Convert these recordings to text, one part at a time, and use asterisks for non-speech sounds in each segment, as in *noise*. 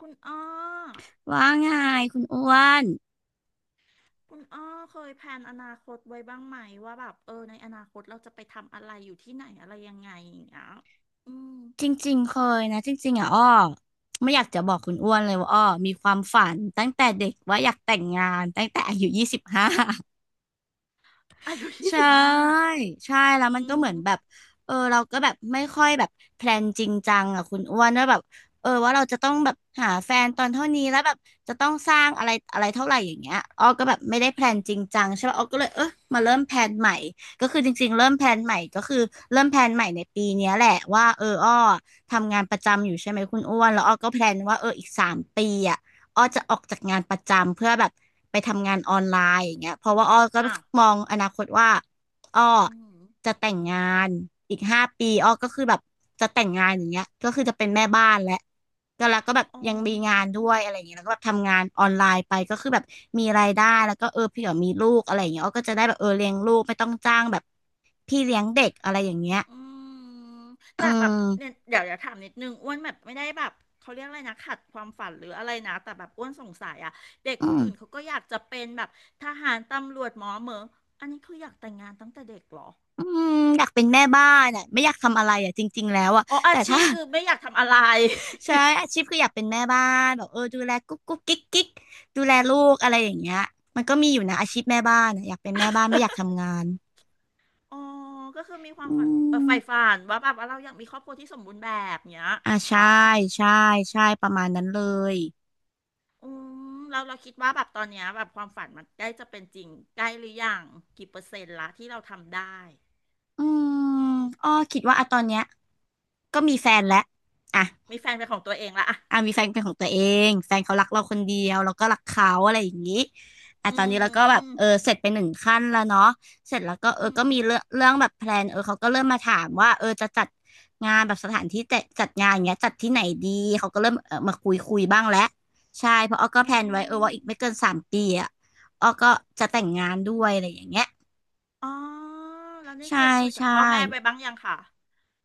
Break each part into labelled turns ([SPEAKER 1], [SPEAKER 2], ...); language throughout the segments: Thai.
[SPEAKER 1] คุณอ้อ
[SPEAKER 2] ว่าไงคุณอ้วน
[SPEAKER 1] คุณอ้อเคยแพลนอนาคตไว้บ้างไหมว่าแบบในอนาคตเราจะไปทำอะไรอยู่ที่ไหนอะไรยังไงอย่างเงี้ยอืม
[SPEAKER 2] จริงๆเคยนะจริงๆอ่ะอ้อไม่อยากจะบอกคุณอ้วนเลยว่าอ้อมีความฝันตั้งแต่เด็กว่าอยากแต่งงานตั้งแต่อายุ25
[SPEAKER 1] อายุยี่
[SPEAKER 2] ใช
[SPEAKER 1] สิบห้า
[SPEAKER 2] ่ใช่แล้ว
[SPEAKER 1] อื
[SPEAKER 2] มันก็เหมือ
[SPEAKER 1] ม
[SPEAKER 2] นแบบเออเราก็แบบไม่ค่อยแบบแพลนจริงจังอ่ะคุณอ้วนว่าแบบเออว่าเราจะต้องแบบหาแฟนตอนเท่านี้แล้วแบบจะต้องสร้างอะไรอะไรเท่าไหร่อย่างเงี้ยอ้อก็แบบไม่ได้แพลนจริงจังใช่ป่ะอ้อก็เลยเออมาเริ่มแพลนใหม่ก็คือจริงๆเริ่มแพลนใหม่ก็คือเริ่มแพลนใหม่ในปีเนี้ยแหละว่าเอออ้อทำงานประจำอยู่ใช่ไหมคุณอ้วนแล้วอ้อก็แพลนว่าเอออีกสามปีอ่ะ อ้อจะออกจากงานประจำเพื่อแบบไปทำงานออนไลน์อย่างเงี้ยเพราะว่าอ้อก็
[SPEAKER 1] อ้าว
[SPEAKER 2] มองอนาคตว่าอ้อ
[SPEAKER 1] อืม
[SPEAKER 2] จะแต่งงานอีก5 ปีอ้อก็คือแบบจะแต่งงานอย่างเงี้ยก็คือจะเป็นแม่บ้านและก็แล้วก็แบบ
[SPEAKER 1] อ๋
[SPEAKER 2] ยังมีงาน
[SPEAKER 1] อ
[SPEAKER 2] ด้วยอะไรอย่างเงี้ยแล้วก็แบบทำงานออนไลน์ไปก็คือแบบมีรายได้แล้วก็เออเผื่อมีลูกอะไรอย่างเงี้ยอ้อก็จะได้แบบเออเลี้ยงลูกไม่ต้องจ้างแบบพี่เลี้ยงเด็กอะไรอย่างเงี้ย
[SPEAKER 1] อืม
[SPEAKER 2] อื
[SPEAKER 1] แต่แบบเนี่ย
[SPEAKER 2] ม
[SPEAKER 1] เดี๋ยวอย่าถามนิดนึงอ้วนแบบไม่ได้แบบเขาเรียกอะไรนะขัดความฝันหรืออะไรนะแต่แบบอ้วนสงสัยอะเด็ก
[SPEAKER 2] อื
[SPEAKER 1] คน
[SPEAKER 2] ม
[SPEAKER 1] อื่นเขาก็อยากจะเป็นแบบทหารตำรวจหมอเหมออันนี้คืออยากแต่งงานตั้งแต่เด็กเหรอ
[SPEAKER 2] อืมอยากเป็นแม่บ้านอ่ะไม่อยากทำอะไรอ่ะจริงๆแล้วอ่ะ
[SPEAKER 1] อ๋ออา
[SPEAKER 2] แต่
[SPEAKER 1] ชี
[SPEAKER 2] ถ้า
[SPEAKER 1] พคือไม่อยากทำอะไร
[SPEAKER 2] ใช่อาชีพคืออยากเป็นแม่บ้านแบบเออดูแลกุ๊กกุ๊กกิ๊กกิ๊กดูแลลูกอะไรอย่างเงี้ยมันก็มีอยู่นะอาชีพแม่บ้านอะอยากเป็นแม่บ้านไม่อยาก
[SPEAKER 1] *laughs*
[SPEAKER 2] ทำงาน
[SPEAKER 1] อ๋อก็คือมีความ
[SPEAKER 2] อื
[SPEAKER 1] ฝัน
[SPEAKER 2] ม
[SPEAKER 1] ใฝ่ฝันว่าแบบว่าเราอยากมีครอบครัวที่สมบูรณ์แบบเนี้ย
[SPEAKER 2] อ่า
[SPEAKER 1] เหร
[SPEAKER 2] ใช่
[SPEAKER 1] อ
[SPEAKER 2] ใช่ใช่ประมาณนั้นเลย
[SPEAKER 1] อืมเราคิดว่าแบบตอนเนี้ยแบบความฝันมันใกล้จะเป็นจริงใกล้หรือยังกี่เปอร์เซ็นต์ละที่เราทำได้
[SPEAKER 2] อืมอ้อคิดว่าอะตอนเนี้ยก็มีแฟนแล้วอ่ะ
[SPEAKER 1] มีแฟนเป็นของตัวเองละอะ
[SPEAKER 2] อ่ะมีแฟนเป็นของตัวเองแฟนเขารักเราคนเดียวเราก็รักเขาอะไรอย่างนี้อ่ะต
[SPEAKER 1] อื
[SPEAKER 2] อนนี้เราก็แบบ
[SPEAKER 1] ม
[SPEAKER 2] เออเสร็จไป1 ขั้นแล้วเนาะเสร็จแล้วก็เออ
[SPEAKER 1] อื
[SPEAKER 2] ก็
[SPEAKER 1] ม
[SPEAKER 2] มีเรื่องเรื่องแบบแพลนเออเขาก็เริ่มมาถามว่าเออจะจัดงานแบบสถานที่จัดงานอย่างเงี้ยจัดที่ไหนดีเขาก็เริ่มเออมาคุยคุยบ้างแล้วใช่เพราะอ้อก็
[SPEAKER 1] อื
[SPEAKER 2] แพลนไว้เออ
[SPEAKER 1] ม
[SPEAKER 2] ว่าอีกไม่เกินสามปีอ่ะอ้อก็จะแต่งงานด้วยอะไรอย่างเงี้ย
[SPEAKER 1] อ๋อแล้วนี่
[SPEAKER 2] ใช่
[SPEAKER 1] เคยคุยกับ
[SPEAKER 2] ใช่
[SPEAKER 1] พ่อแม่ไปบ้างยังค่ะ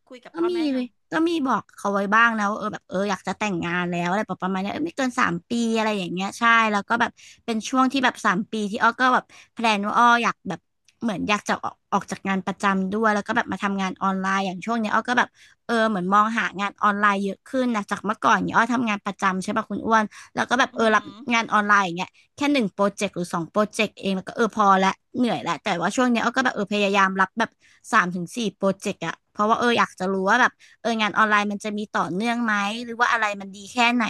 [SPEAKER 1] คุยกับ
[SPEAKER 2] ก็
[SPEAKER 1] พ่อ
[SPEAKER 2] มี
[SPEAKER 1] แม่ยัง
[SPEAKER 2] ก็มีบอกเขาไว้บ้างนะว่าเออแบบเอออยากจะแต่งงานแล้วอะไรประมาณเนี้ยเออไม่เกินสามปีอะไรอย่างเงี้ยใช่แล้วก็แบบเป็นช่วงที่แบบสามปีที่อ้อก็แบบแพลนว่าอ้ออยากแบบเหมือนอยากจะออกจากงานประจำด้วยแล้วก็แบบมาทำงานออนไลน์อย่างช่วงเนี้ยอ้อก็แบบเออเหมือนมองหางานออนไลน์เยอะขึ้นนะจากเมื่อก่อนเนี่ยอ้อทำงานประจำใช่ป่ะคุณอ้วนแล้วก็แบบเอ
[SPEAKER 1] อื
[SPEAKER 2] อรับ
[SPEAKER 1] ม
[SPEAKER 2] งานออนไลน์อย่างเงี้ย แค่1 โปรเจกต์หรือ2 โปรเจกต์เองแล้วก็เออพอละเหนื่อยละแต่ว่าช่วงเนี้ยเอาก็แบบเออพยายามรับแบบ3-4 โปรเจกต์อะเพราะว่าเอออยากจะรู้ว่าแบบเอองานออนไลน์มันจะมีต่อเนื่องไหมหรือว่าอะไรมันดีแค่ไหน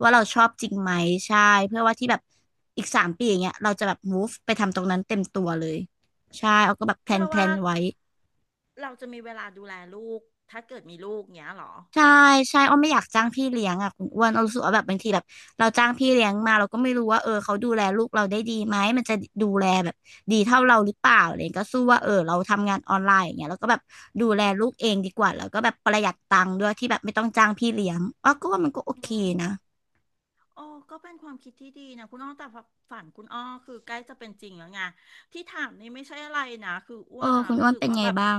[SPEAKER 2] ว่าเราชอบจริงไหมใช่เพื่อว่าที่แบบอีกสามปีอย่างเงี้ยเราจะแบบ move ไปทำตรงนั้นเต็มตัวเลยใช่เอาก็แบบแพล
[SPEAKER 1] เพื่
[SPEAKER 2] น
[SPEAKER 1] อ
[SPEAKER 2] แพล
[SPEAKER 1] ว่า
[SPEAKER 2] นไว้
[SPEAKER 1] เราจะมีเวลาดูแลลูกถ้าเกิดมีลูกเงี้ยเหรอ
[SPEAKER 2] ใช่ใช่อ้อไม่อยากจ้างพี่เลี้ยงอ่ะคุณอ้วนอ้อรู้สึกว่าแบบบางทีแบบเราจ้างพี่เลี้ยงมาเราก็ไม่รู้ว่าเออเขาดูแลลูกเราได้ดีไหมมันจะดูแลแบบดีเท่าเราหรือเปล่าอะไรอย่างเลยก็สู้ว่าเออเราทำงานออนไลน์อย่างเงี้ยแล้วก็แบบดูแลลูกเองดีกว่าแล้วก็แบบประหยัดตังค์ด้วยที่แบบไม่ต้องจ้างพี่เลี้ยงอ้อก็ว่ามันก็โอ
[SPEAKER 1] อื
[SPEAKER 2] เค
[SPEAKER 1] ม
[SPEAKER 2] นะ
[SPEAKER 1] โอ้ก็เป็นความคิดที่ดีนะคุณอ้อแต่ฝันคุณอ้อคือใกล้จะเป็นจริงแล้วไงที่ถามนี่ไม่ใช่อะไรนะคือ
[SPEAKER 2] เอ
[SPEAKER 1] อ้
[SPEAKER 2] อ
[SPEAKER 1] วนอ่ะ
[SPEAKER 2] คุณอ้
[SPEAKER 1] รู้
[SPEAKER 2] วน
[SPEAKER 1] สึก
[SPEAKER 2] เป็น
[SPEAKER 1] ว่า
[SPEAKER 2] ไง
[SPEAKER 1] แบบ
[SPEAKER 2] บ้าง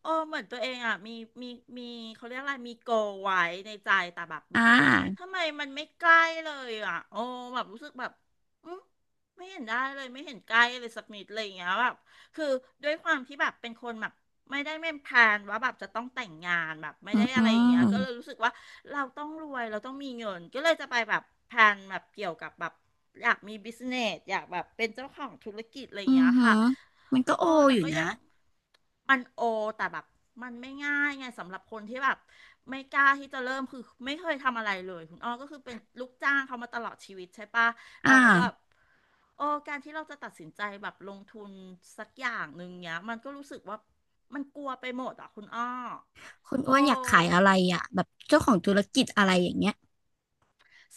[SPEAKER 1] เหมือนตัวเองอ่ะมีมีเขาเรียกอะไรมีโกไว้ในใจแต่แบบ
[SPEAKER 2] อ่า
[SPEAKER 1] รู้สึกว่าทำไมมันไม่ใกล้เลยอ่ะโอ้แบบรู้สึกแบบอืมไม่เห็นได้เลยไม่เห็นใกล้เลยสักนิดเลยอย่างเงี้ยแบบคือด้วยความที่แบบเป็นคนแบบ ไม่ได้ไม่แพลนว่าแบบจะต้องแต่งงานแบบไม่
[SPEAKER 2] อื
[SPEAKER 1] ได้
[SPEAKER 2] มอื
[SPEAKER 1] อะไรอย่าง
[SPEAKER 2] ม
[SPEAKER 1] เงี้ยก็เลยรู้สึกว่าเราต้องรวยเราต้องมีเงินก็เลยจะไปแบบแพลนแบบเกี่ยวกับแบบอยากมีบิสเนสอยากแบบเป็นเจ้าของธุรกิจอะไรอ
[SPEAKER 2] อื
[SPEAKER 1] ย่าง
[SPEAKER 2] อ
[SPEAKER 1] เงี้ย
[SPEAKER 2] หือ
[SPEAKER 1] ค่ะ
[SPEAKER 2] มันก็โอ
[SPEAKER 1] โอ้แต่
[SPEAKER 2] อยู่
[SPEAKER 1] ก็
[SPEAKER 2] นะ
[SPEAKER 1] ยังมันโอแต่แบบมันไม่ง่ายไงสำหรับคนที่แบบไม่กล้าที่จะเริ่มคือไม่เคยทำอะไรเลยคุณอ้อก็คือเป็นลูกจ้างเขามาตลอดชีวิตใช่ปะ
[SPEAKER 2] อ่
[SPEAKER 1] เราก็แบบ
[SPEAKER 2] า
[SPEAKER 1] การที่เราจะตัดสินใจแบบลงทุนสักอย่างหนึ่งเนี้ยมันก็รู้สึกว่ามันกลัวไปหมดอ่ะคุณอ้อ
[SPEAKER 2] คุณ
[SPEAKER 1] โอ
[SPEAKER 2] อ้วนอยากขายอะ
[SPEAKER 1] ้
[SPEAKER 2] ไรอ่ะแบบเจ้าของธุรกิจอะไรอย่างเงี้ย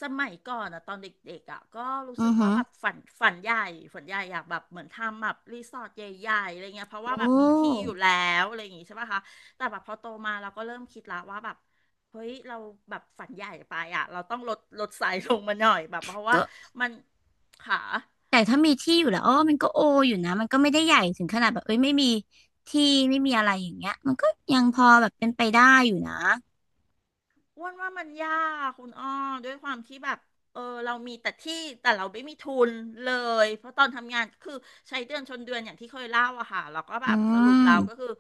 [SPEAKER 1] สมัยก่อนอะตอนเด็กๆอะก็รู้
[SPEAKER 2] อื
[SPEAKER 1] สึ
[SPEAKER 2] อ
[SPEAKER 1] ก
[SPEAKER 2] หื
[SPEAKER 1] ว่า
[SPEAKER 2] อ
[SPEAKER 1] แบบฝันใหญ่อยากแบบเหมือนทำแบบรีสอร์ทใหญ่ๆอะไรเงี้ยเพราะ
[SPEAKER 2] โอ
[SPEAKER 1] ว่าแบบมีที่
[SPEAKER 2] ้
[SPEAKER 1] อยู่แล้วอะไรอย่างงี้ใช่ป่ะคะแต่แบบพอโตมาเราก็เริ่มคิดละว่าแบบเฮ้ยเราแบบฝันใหญ่ไปอะเราต้องลดไซส์ลงมาหน่อยแบบเพราะว่า
[SPEAKER 2] ก็
[SPEAKER 1] มันค่ะ
[SPEAKER 2] แต่ถ้ามีที่อยู่แล้วอ๋อมันก็โออยู่นะมันก็ไม่ได้ใหญ่ถึงขนาดแบบเอ้ยไม่มีที่ไม่มีอะไรอย่างเงี้ยมันก็ยังพอแบบเป็นไปได้อยู่นะ
[SPEAKER 1] อ้วนว่ามันยากคุณอ้อด้วยความที่แบบเรามีแต่ที่แต่เราไม่มีทุนเลยเพราะตอนทำงานก็คือใช้เดือนชนเดือนอย่างที่เคยเล่าอะค่ะแล้วก็แบ
[SPEAKER 2] อื
[SPEAKER 1] บสรุปแล้วก็
[SPEAKER 2] ม
[SPEAKER 1] คือ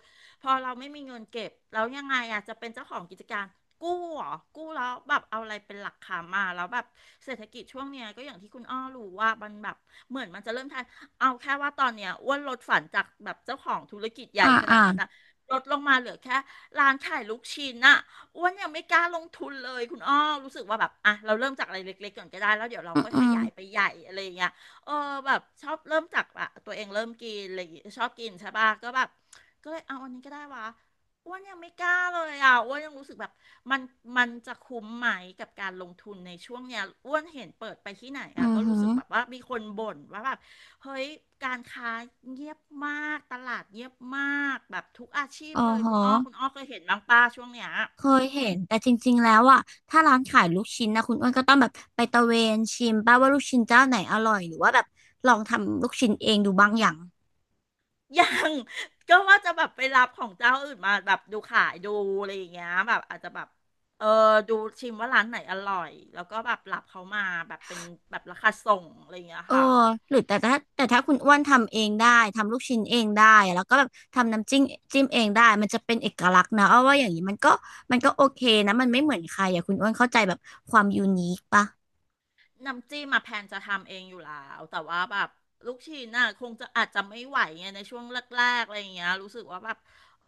[SPEAKER 1] พอเราไม่มีเงินเก็บแล้วยังไงอะจะเป็นเจ้าของกิจการกู้เหรอกู้แล้วแบบเอาอะไรเป็นหลักค้ำมาแล้วแบบเศรษฐกิจช่วงเนี้ยก็อย่างที่คุณอ้อรู้ว่ามันแบบเหมือนมันจะเริ่มทันเอาแค่ว่าตอนเนี้ยอ้วนลดฝันจากแบบเจ้าของธุรกิจใหญ่
[SPEAKER 2] อ่า
[SPEAKER 1] ข
[SPEAKER 2] อ่า
[SPEAKER 1] นาดนั้นนะลดลงมาเหลือแค่ร้านขายลูกชิ้นอะ อ้วนยังไม่กล้าลงทุนเลยคุณอ้อรู้สึกว่าแบบอ่ะเราเริ่มจากอะไรเล็กๆก่อนก็ได้แล้วเดี๋ยวเรา
[SPEAKER 2] อืม
[SPEAKER 1] ค่อย
[SPEAKER 2] อื
[SPEAKER 1] ข
[SPEAKER 2] ม
[SPEAKER 1] ยายไปใหญ่อะไรอย่างเงี้ยเออแบบชอบเริ่มจากอะตัวเองเริ่มกินอะไรอย่างเงี้ยชอบกินใช่ป่ะก็แบบก็เลยเอาอันนี้ก็ได้วะอ้วนยังไม่กล้าเลยอ่ะอ้วนยังรู้สึกแบบมันมันจะคุ้มไหมกับการลงทุนในช่วงเนี้ยอ้วนเห็นเปิดไปที่ไหนอ่ะ
[SPEAKER 2] อือ
[SPEAKER 1] ก็
[SPEAKER 2] หื
[SPEAKER 1] รู้
[SPEAKER 2] อ
[SPEAKER 1] สึกแบบว่ามีคนบ่นว่าแบบเฮ้ยการค้าเงียบมากตลาดเงียบมากแบบทุกอาชีพ
[SPEAKER 2] อ๋อ
[SPEAKER 1] เลย
[SPEAKER 2] ฮะ
[SPEAKER 1] คุณอ้อคุณอ้อเคยเห็นบ้างป้าช่วงเนี้ย
[SPEAKER 2] เคยเห็นแต่จริงๆแล้วอ่ะถ้าร้านขายลูกชิ้นนะคุณอ้วนก็ต้องแบบไปตะเวนชิมป้าว่าลูกชิ้นเจ้าไหนอร่อยหรือว่าแบบลองทำลูกชิ้นเองดูบ้างอย่าง
[SPEAKER 1] *laughs* ยัง *laughs* ก็ว่าจะแบบไปรับของเจ้าอื่นมาแบบดูขายดูอะไรอย่างเงี้ยแบบอาจจะแบบเออดูชิมว่าร้านไหนอร่อยแล้วก็แบบรับเขามาแบบเป็นแบบราคาส่งอะไรอย่างเงี้ย
[SPEAKER 2] เออ
[SPEAKER 1] ค่ะ
[SPEAKER 2] หรือแต่ถ้าคุณอ้วนทำเองได้ทำลูกชิ้นเองได้แล้วก็แบบทำน้ำจิ้มจิ้มเองได้มันจะเป็นเอกลักษณ์นะเอาว่าอย่างนี้มันก็โอเคนะมันไม่เหมือนใครอ่ะคุณอ้วนเข้าใจแบบความยูนิคปะ
[SPEAKER 1] น้ำจิ้มมาแพนจะทำเองอยู่แล้วแต่ว่าแบบลูกชิ้นน่ะคงจะอาจจะไม่ไหวไงในช่วงแรกๆอะไรอย่างเงี้ยรู้สึกว่าแบบ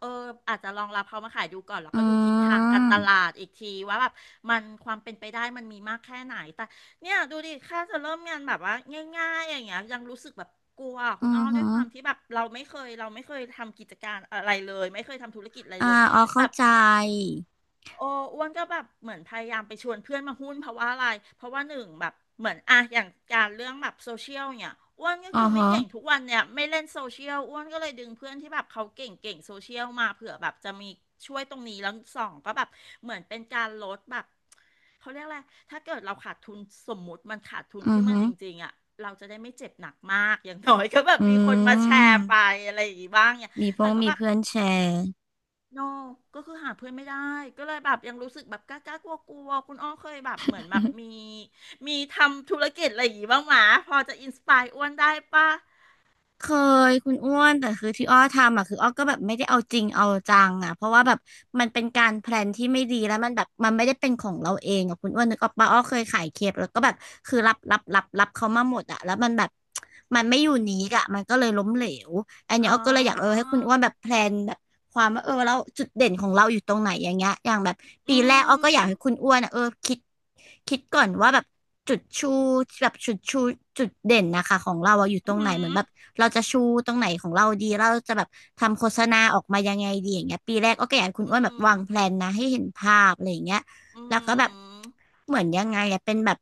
[SPEAKER 1] เอออาจจะลองรับเขามาขายดูก่อนแล้ว
[SPEAKER 2] อื
[SPEAKER 1] ก็ดูทิศทางการตลา
[SPEAKER 2] ม
[SPEAKER 1] ดอีกทีว่าแบบมันความเป็นไปได้มันมีมากแค่ไหนแต่เนี่ยดูดิแค่จะเริ่มงานแบบว่าง่ายๆอย่างเงี้ยยังรู้สึกแบบกลัว
[SPEAKER 2] อื
[SPEAKER 1] คุณอ้
[SPEAKER 2] อ
[SPEAKER 1] อ
[SPEAKER 2] ฮึ
[SPEAKER 1] ด้วยความที่แบบเราไม่เคยทำกิจการอะไรเลยไม่เคยทำธุรกิจอะไร
[SPEAKER 2] อ่า
[SPEAKER 1] เลย
[SPEAKER 2] อ๋อ
[SPEAKER 1] แบ
[SPEAKER 2] เข้า
[SPEAKER 1] บ
[SPEAKER 2] ใจ
[SPEAKER 1] โอ้อ้วนก็แบบเหมือนพยายามไปชวนเพื่อนมาหุ้นเพราะว่าอะไรเพราะว่าหนึ่งแบบเหมือนอะอย่างการเรื่องแบบโซเชียลเนี่ยอ้วนก็
[SPEAKER 2] อ๋อ
[SPEAKER 1] คือไม่
[SPEAKER 2] ฮะ
[SPEAKER 1] เก่งทุกวันเนี่ยไม่เล่นโซเชียลอ้วนก็เลยดึงเพื่อนที่แบบเขาเก่งเก่งโซเชียลมาเผื่อแบบจะมีช่วยตรงนี้แล้วสองก็แบบเหมือนเป็นการลดแบบเขาเรียกอะไรถ้าเกิดเราขาดทุนสมมุติมันขาดทุน
[SPEAKER 2] อื
[SPEAKER 1] ขึ้
[SPEAKER 2] อ
[SPEAKER 1] นมา
[SPEAKER 2] ฮึ
[SPEAKER 1] จริงๆอะเราจะได้ไม่เจ็บหนักมากอย่างน้อยก็แบ
[SPEAKER 2] อื
[SPEAKER 1] บมีคนมาแชร์
[SPEAKER 2] ม
[SPEAKER 1] ไปอะไรอย่างงี้บ้างเนี่ย
[SPEAKER 2] มีพ
[SPEAKER 1] แต่
[SPEAKER 2] ง
[SPEAKER 1] ก็
[SPEAKER 2] มี
[SPEAKER 1] แบบ
[SPEAKER 2] เพื่อนแชร์
[SPEAKER 1] โนก็คือหาเพื่อนไม่ได้ก็เลยแบบยังรู้สึกแบบกล้าๆกลัวๆคุณอ้อเคยแบบเหมือนแบบมีทำธุรกิจอะไรอย่างงี้บ้างหมาพอจะอินสปายอ้วนได้ปะ
[SPEAKER 2] เคยคุณอ้วนแต่คือที่อ้อทำอ่ะคืออ้อก็แบบไม่ได้เอาจริงเอาจังอ่ะเพราะว่าแบบมันเป็นการแพลนที่ไม่ดีแล้วมันแบบมันไม่ได้เป็นของเราเองอ่ะคุณอ้วนนึกออกปะอ้อเคยขายเคปแล้วก็แบบคือรับเขามาหมดอ่ะแล้วมันแบบมันไม่อยู่นี้อ่ะมันก็เลยล้มเหลวอันเนี้ย
[SPEAKER 1] อ๋
[SPEAKER 2] อ้อก็เลยอยากเออให้
[SPEAKER 1] อ
[SPEAKER 2] คุณอ้วนแบบแพลนแบบความว่าเออแล้วจุดเด่นของเราอยู่ตรงไหนอย่างเงี้ยอย่างแบบปี
[SPEAKER 1] อื
[SPEAKER 2] แรกอ้อก็อยาก
[SPEAKER 1] ม
[SPEAKER 2] ให้คุณอ้วนอ่ะเออคิดก่อนว่าแบบ จุดชูแบบจุดชูจุดเด่นนะคะของเราอะอยู่ตรงไห
[SPEAKER 1] อื
[SPEAKER 2] นเหมือ
[SPEAKER 1] ม
[SPEAKER 2] นแบบเราจะชูตรงไหนของเราดีเราจะแบบทำโฆษณาออกมายังไงดีอย่างเงี้ยปีแรกก็อยากให้คุณ
[SPEAKER 1] อื
[SPEAKER 2] อ้วนแบบ
[SPEAKER 1] ม
[SPEAKER 2] วางแพลนนะให้เห็นภาพอะไรอย่างเงี้ย
[SPEAKER 1] อื
[SPEAKER 2] แล้วก็แบบ
[SPEAKER 1] ม
[SPEAKER 2] เหมือนยังไงอะเป็นแบบ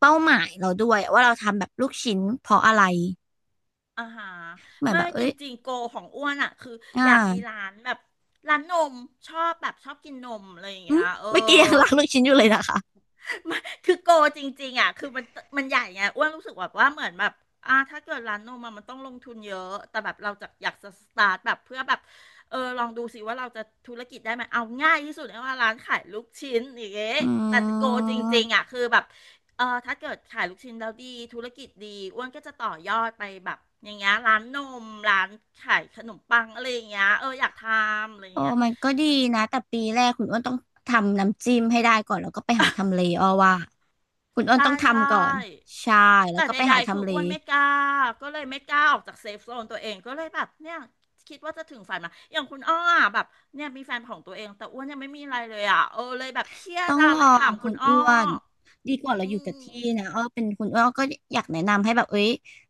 [SPEAKER 2] เป้าหมายเราด้วยว่าเราทำแบบลูกชิ้นเพราะอะไร
[SPEAKER 1] อ่าฮะ
[SPEAKER 2] เหมือน
[SPEAKER 1] ไม่
[SPEAKER 2] แบบ
[SPEAKER 1] จ
[SPEAKER 2] เอ้ย
[SPEAKER 1] ริงๆโกของอ้วนอ่ะคือ
[SPEAKER 2] อ่
[SPEAKER 1] อยากมี
[SPEAKER 2] า
[SPEAKER 1] ร้านแบบร้านนมชอบแบบชอบกินนมอะไรอย่าง
[SPEAKER 2] อื
[SPEAKER 1] เงี้
[SPEAKER 2] ม
[SPEAKER 1] ยเออ
[SPEAKER 2] เมื่อกี้ยังรักลูกชิ้นอยู่เลยนะคะ
[SPEAKER 1] มันคือโกจริงๆอ่ะคือมันมันใหญ่ไงอ้วนรู้สึกแบบว่าเหมือนแบบอ่าถ้าเกิดร้านนมอะมันต้องลงทุนเยอะแต่แบบเราจะอยากจะสตาร์ทแบบเพื่อแบบลองดูสิว่าเราจะธุรกิจได้ไหมเอาง่ายที่สุดเลยว่าร้านขายลูกชิ้นอย่างเงี้ย
[SPEAKER 2] อ
[SPEAKER 1] แต่
[SPEAKER 2] ื
[SPEAKER 1] โกจริ
[SPEAKER 2] ม
[SPEAKER 1] งๆอ่ะคือแบบถ้าเกิดขายลูกชิ้นแล้วดีธุรกิจดีอ้วนก็จะต่อยอดไปแบบอย่างเงี้ยร้านนมร้านขายขนมปังอะไรอย่างเงี้ยอยากทำอะไรอ
[SPEAKER 2] โอ้
[SPEAKER 1] ย่างเงี้ย
[SPEAKER 2] มันก็ดีนะแต่ปีแรกคุณอ้นต้องทำน้ำจิ้มให้ได้ก่อนแล้วก็ไปหาทำเลอ้อว่าคุณอ้น
[SPEAKER 1] ใช่
[SPEAKER 2] ต้อง
[SPEAKER 1] ใช่
[SPEAKER 2] ทำก่อนใช่แล้ว
[SPEAKER 1] แต่
[SPEAKER 2] ก็ไป
[SPEAKER 1] ใด
[SPEAKER 2] หา
[SPEAKER 1] ๆคือ
[SPEAKER 2] ทำเล
[SPEAKER 1] อ้วนไม่กล้าก็เลยไม่กล้าออกจากเซฟโซนตัวเองก็เลยแบบเนี่ยคิดว่าจะถึงฝันมาอย่างคุณอ้ออะแบบเนี่ยมีแฟนของตัวเองแต่อ้วนยังไม่มีอะไรเลยอ่ะเลยแบบเครีย
[SPEAKER 2] ต้
[SPEAKER 1] ด
[SPEAKER 2] อง
[SPEAKER 1] อะ
[SPEAKER 2] ล
[SPEAKER 1] เล
[SPEAKER 2] อ
[SPEAKER 1] ยถา
[SPEAKER 2] ง
[SPEAKER 1] ม
[SPEAKER 2] คุ
[SPEAKER 1] คุ
[SPEAKER 2] ณ
[SPEAKER 1] ณอ้อ
[SPEAKER 2] อ้วนดีกว่าเราอ
[SPEAKER 1] อื
[SPEAKER 2] ยู่กับ
[SPEAKER 1] ม
[SPEAKER 2] ที่นะอ้อเป็นคุณอ้วนก็อยากแนะนำให้แบบเอ้ย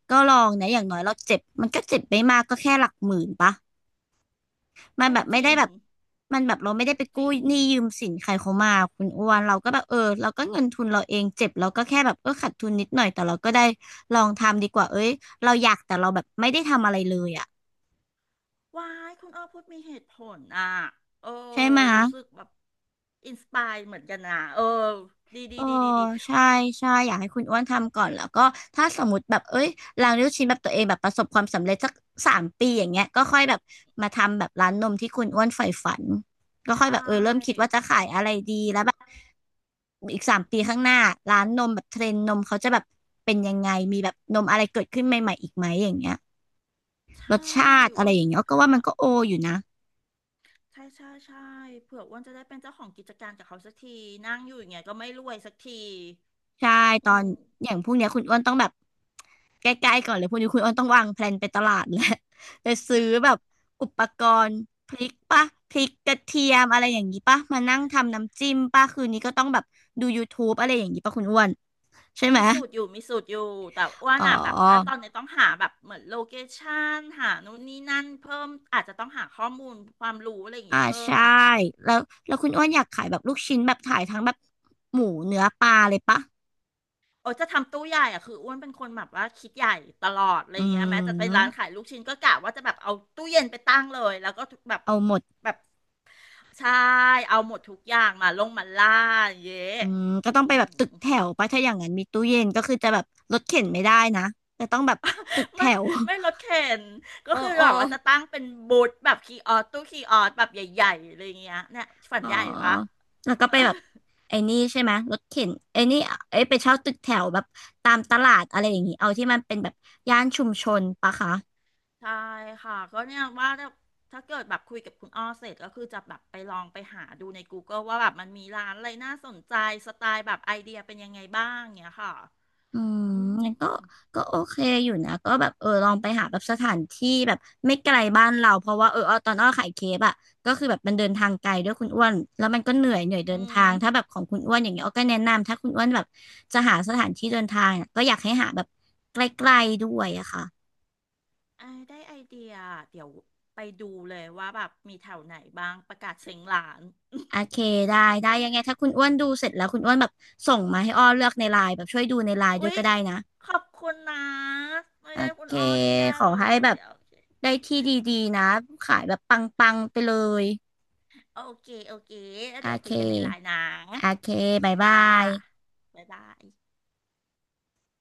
[SPEAKER 2] ก็ลองนะอย่างน้อยเราเจ็บมันก็เจ็บไม่มากก็แค่หลักหมื่นปะ มัน
[SPEAKER 1] ก็
[SPEAKER 2] แบบ
[SPEAKER 1] จ
[SPEAKER 2] ไม่
[SPEAKER 1] ริ
[SPEAKER 2] ได้
[SPEAKER 1] ง
[SPEAKER 2] แบบมันแบบเราไม่ได้
[SPEAKER 1] ก็
[SPEAKER 2] ไป
[SPEAKER 1] จ
[SPEAKER 2] กู้
[SPEAKER 1] ริง
[SPEAKER 2] หนี้ยืมสินใครเขามาคุณอ้วนเราก็แบบเออเราก็เงินทุนเราเองเจ็บเราก็แค่แบบเออขาดทุนนิดหน่อยแต่เราก็ได้ลองทำดีกว่าเอ้ยเราอยากแต่เราแบบไม่ได้ทำอะไรเลยอ่ะ
[SPEAKER 1] ว้ายคุณอ้อพูดมีเหตุผลอ่ะเออ
[SPEAKER 2] ใช่ไหมะ
[SPEAKER 1] รู้สึกแบบอินสปายเหมือนกันนะดีดี
[SPEAKER 2] เออ
[SPEAKER 1] ดีดีดี
[SPEAKER 2] ใช่ใช่อยากให้คุณอ้วนทำก่อนแล้วก็ถ้าสมมติแบบเอ้ยร้านลูกชิ้นแบบตัวเองแบบประสบความสำเร็จสักสามปีอย่างเงี้ยก็ค่อยแบบมาทำแบบร้านนมที่คุณอ้วนใฝ่ฝันก็
[SPEAKER 1] ใช
[SPEAKER 2] ค่อยแบบเออเริ่มคิด
[SPEAKER 1] ่
[SPEAKER 2] ว่าจะขายอะไรดีแล้วแบบอีกสามปีข้างหน้าร้านนมแบบเทรนด์นมเขาจะแบบเป็นยังไงมีแบบนมอะไรเกิดขึ้นใหม่ๆอีกไหมอย่างเงี้ยร
[SPEAKER 1] ใช่
[SPEAKER 2] สชาติ
[SPEAKER 1] อ้
[SPEAKER 2] อะไร
[SPEAKER 1] วัน
[SPEAKER 2] อย่าง
[SPEAKER 1] ก็
[SPEAKER 2] เงี้ย
[SPEAKER 1] แผ
[SPEAKER 2] ก็
[SPEAKER 1] น
[SPEAKER 2] ว่ามัน
[SPEAKER 1] ว่า
[SPEAKER 2] ก็โออยู่นะ
[SPEAKER 1] ใช่ใช่ใช่เผื่ออ้วนจะได้เป็นเจ้าของกิจการกับเขาสักทีนั่งอยู่อย่างเงี้ยก็ไม่รวยสักที
[SPEAKER 2] ใช่ตอ
[SPEAKER 1] อื
[SPEAKER 2] น
[SPEAKER 1] ม
[SPEAKER 2] อย่างพวกเนี้ยคุณอ้วนต้องแบบใกล้ๆก่อนเลยพวกนี้คุณอ้วนต้องวางแพลนไปตลาดแล้ว *laughs* ไปซื้อแบบอุปกรณ์พริกปะพริกกระเทียมอะไรอย่างงี้ปะมานั่งทำน้ำจิ้มปะคืนนี้ก็ต้องแบบดู YouTube อะไรอย่างงี้ปะคุณอ้วนใช่ไหม
[SPEAKER 1] มีสูตรอยู่มีสูตรอยู่แต่อ้วน
[SPEAKER 2] อ๋
[SPEAKER 1] อ่ะแบบ
[SPEAKER 2] อ
[SPEAKER 1] ตอนนี้ต้องหาแบบเหมือนโลเคชั่นหานู่นนี่นั่นเพิ่มอาจจะต้องหาข้อมูลความรู้อะไรอย่าง
[SPEAKER 2] อ่า
[SPEAKER 1] เงี้ยเพิ่ม
[SPEAKER 2] ใช่
[SPEAKER 1] ล่ะค่ะ
[SPEAKER 2] แล้วแล้วคุณอ้วนอยากขายแบบลูกชิ้นแบบขายทั้งแบบหมูเนื้อปลาเลยปะ
[SPEAKER 1] โอ้จะทำตู้ใหญ่อ่ะคืออ้วนเป็นคนแบบว่าคิดใหญ่ตลอดอะไร
[SPEAKER 2] อื
[SPEAKER 1] เงี้ยแม้จะเป็นร้านขา
[SPEAKER 2] ม
[SPEAKER 1] ยลูกชิ้นก็กะว่าจะแบบเอาตู้เย็นไปตั้งเลยแล้วก็แบบ
[SPEAKER 2] เอาหมด
[SPEAKER 1] แบบใช่เอาหมดทุกอย่างมาลงมาล่าอย่างเงี้ย
[SPEAKER 2] อืมก็ต้อ
[SPEAKER 1] อื
[SPEAKER 2] งไปแบ
[SPEAKER 1] ม
[SPEAKER 2] บตึกแถวปะถ้าอย่างนั้นมีตู้เย็นก็คือจะแบบรถเข็นไม่ได้นะจะต้องแบบตึกแถ
[SPEAKER 1] ไม่
[SPEAKER 2] ว *laughs*
[SPEAKER 1] ไม่รถเข็นก็
[SPEAKER 2] อ๋อ
[SPEAKER 1] คือ
[SPEAKER 2] อ๋
[SPEAKER 1] แบ
[SPEAKER 2] อ
[SPEAKER 1] บว่าจะตั้งเป็นบูธแบบคีย์ออสตู้คีย์ออสแบบใหญ่ๆอะไรอย่างเงี้ยเนี่ยฝัน
[SPEAKER 2] อ๋อ
[SPEAKER 1] ใหญ่วะ
[SPEAKER 2] แล้วก็ไปแบบไอ้นี่ใช่ไหมรถเข็นไอ้นี่เอ้ยไปเช่าตึกแถวแบบตามตลาดอะไรอย่างงี้เอาที่มันเป็นแบบย่านชุมชนปะคะ
[SPEAKER 1] ใช่ค่ะก็เนี่ยว่าถ้าเกิดแบบคุยกับคุณอ้อเสร็จก็คือจะแบบไปลองไปหาดูใน Google ว่าแบบมันมีร้านอะไรน่าสนใจสไตล์แบบไอเดียเป็นยังไงบ้างเงี้ยค่ะ
[SPEAKER 2] อืม
[SPEAKER 1] อืม
[SPEAKER 2] งั้นก็ก็โอเคอยู่นะก็แบบเออลองไปหาแบบสถานที่แบบไม่ไกลบ้านเราเพราะว่าเออเอาตอนอ้อขายเคปอะก็คือแบบมันเดินทางไกลด้วยคุณอ้วนแล้วมันก็เหนื่อยเดิ
[SPEAKER 1] อื
[SPEAKER 2] นทา
[SPEAKER 1] ม
[SPEAKER 2] งถ้าแบบของคุณอ้วนอย่างเงี้ยอ้อก็แนะนำถ้าคุณอ้วนแบบจะหาสถานที่เดินทางอะก็อยากให้หาแบบใกล้ๆด้วยอะค่ะ
[SPEAKER 1] ไอยได้ไอเดียเดี๋ยวไปดูเลยว่าแบบมีแถวไหนบ้างประกาศเซ็งร้าน
[SPEAKER 2] โอเคได้ได้ยังไงถ้าคุณอ้วนดูเสร็จแล้วคุณอ้วนแบบส่งมาให้อ้อเลือกในไลน์แบบช่วยดูในไลน์ด้ว
[SPEAKER 1] อุ๊
[SPEAKER 2] ย
[SPEAKER 1] ย
[SPEAKER 2] ก็ได้นะ
[SPEAKER 1] ขอบคุณนะไม่
[SPEAKER 2] โอ
[SPEAKER 1] ได้คุ
[SPEAKER 2] เค
[SPEAKER 1] ณอ้อนี่ยา
[SPEAKER 2] ขอ
[SPEAKER 1] เล
[SPEAKER 2] ให้แบ
[SPEAKER 1] ย
[SPEAKER 2] บ
[SPEAKER 1] โอเค
[SPEAKER 2] ได้ที่ดีๆนะขายแบบปังๆไปเลย
[SPEAKER 1] โอเคโอเคแล้ว
[SPEAKER 2] โอ
[SPEAKER 1] เดี๋ยว
[SPEAKER 2] เ
[SPEAKER 1] คุยกันในไล
[SPEAKER 2] ค
[SPEAKER 1] น์นะ
[SPEAKER 2] โอเค
[SPEAKER 1] โอเค
[SPEAKER 2] บาย
[SPEAKER 1] ค่
[SPEAKER 2] บาย
[SPEAKER 1] ะบ๊ายบาย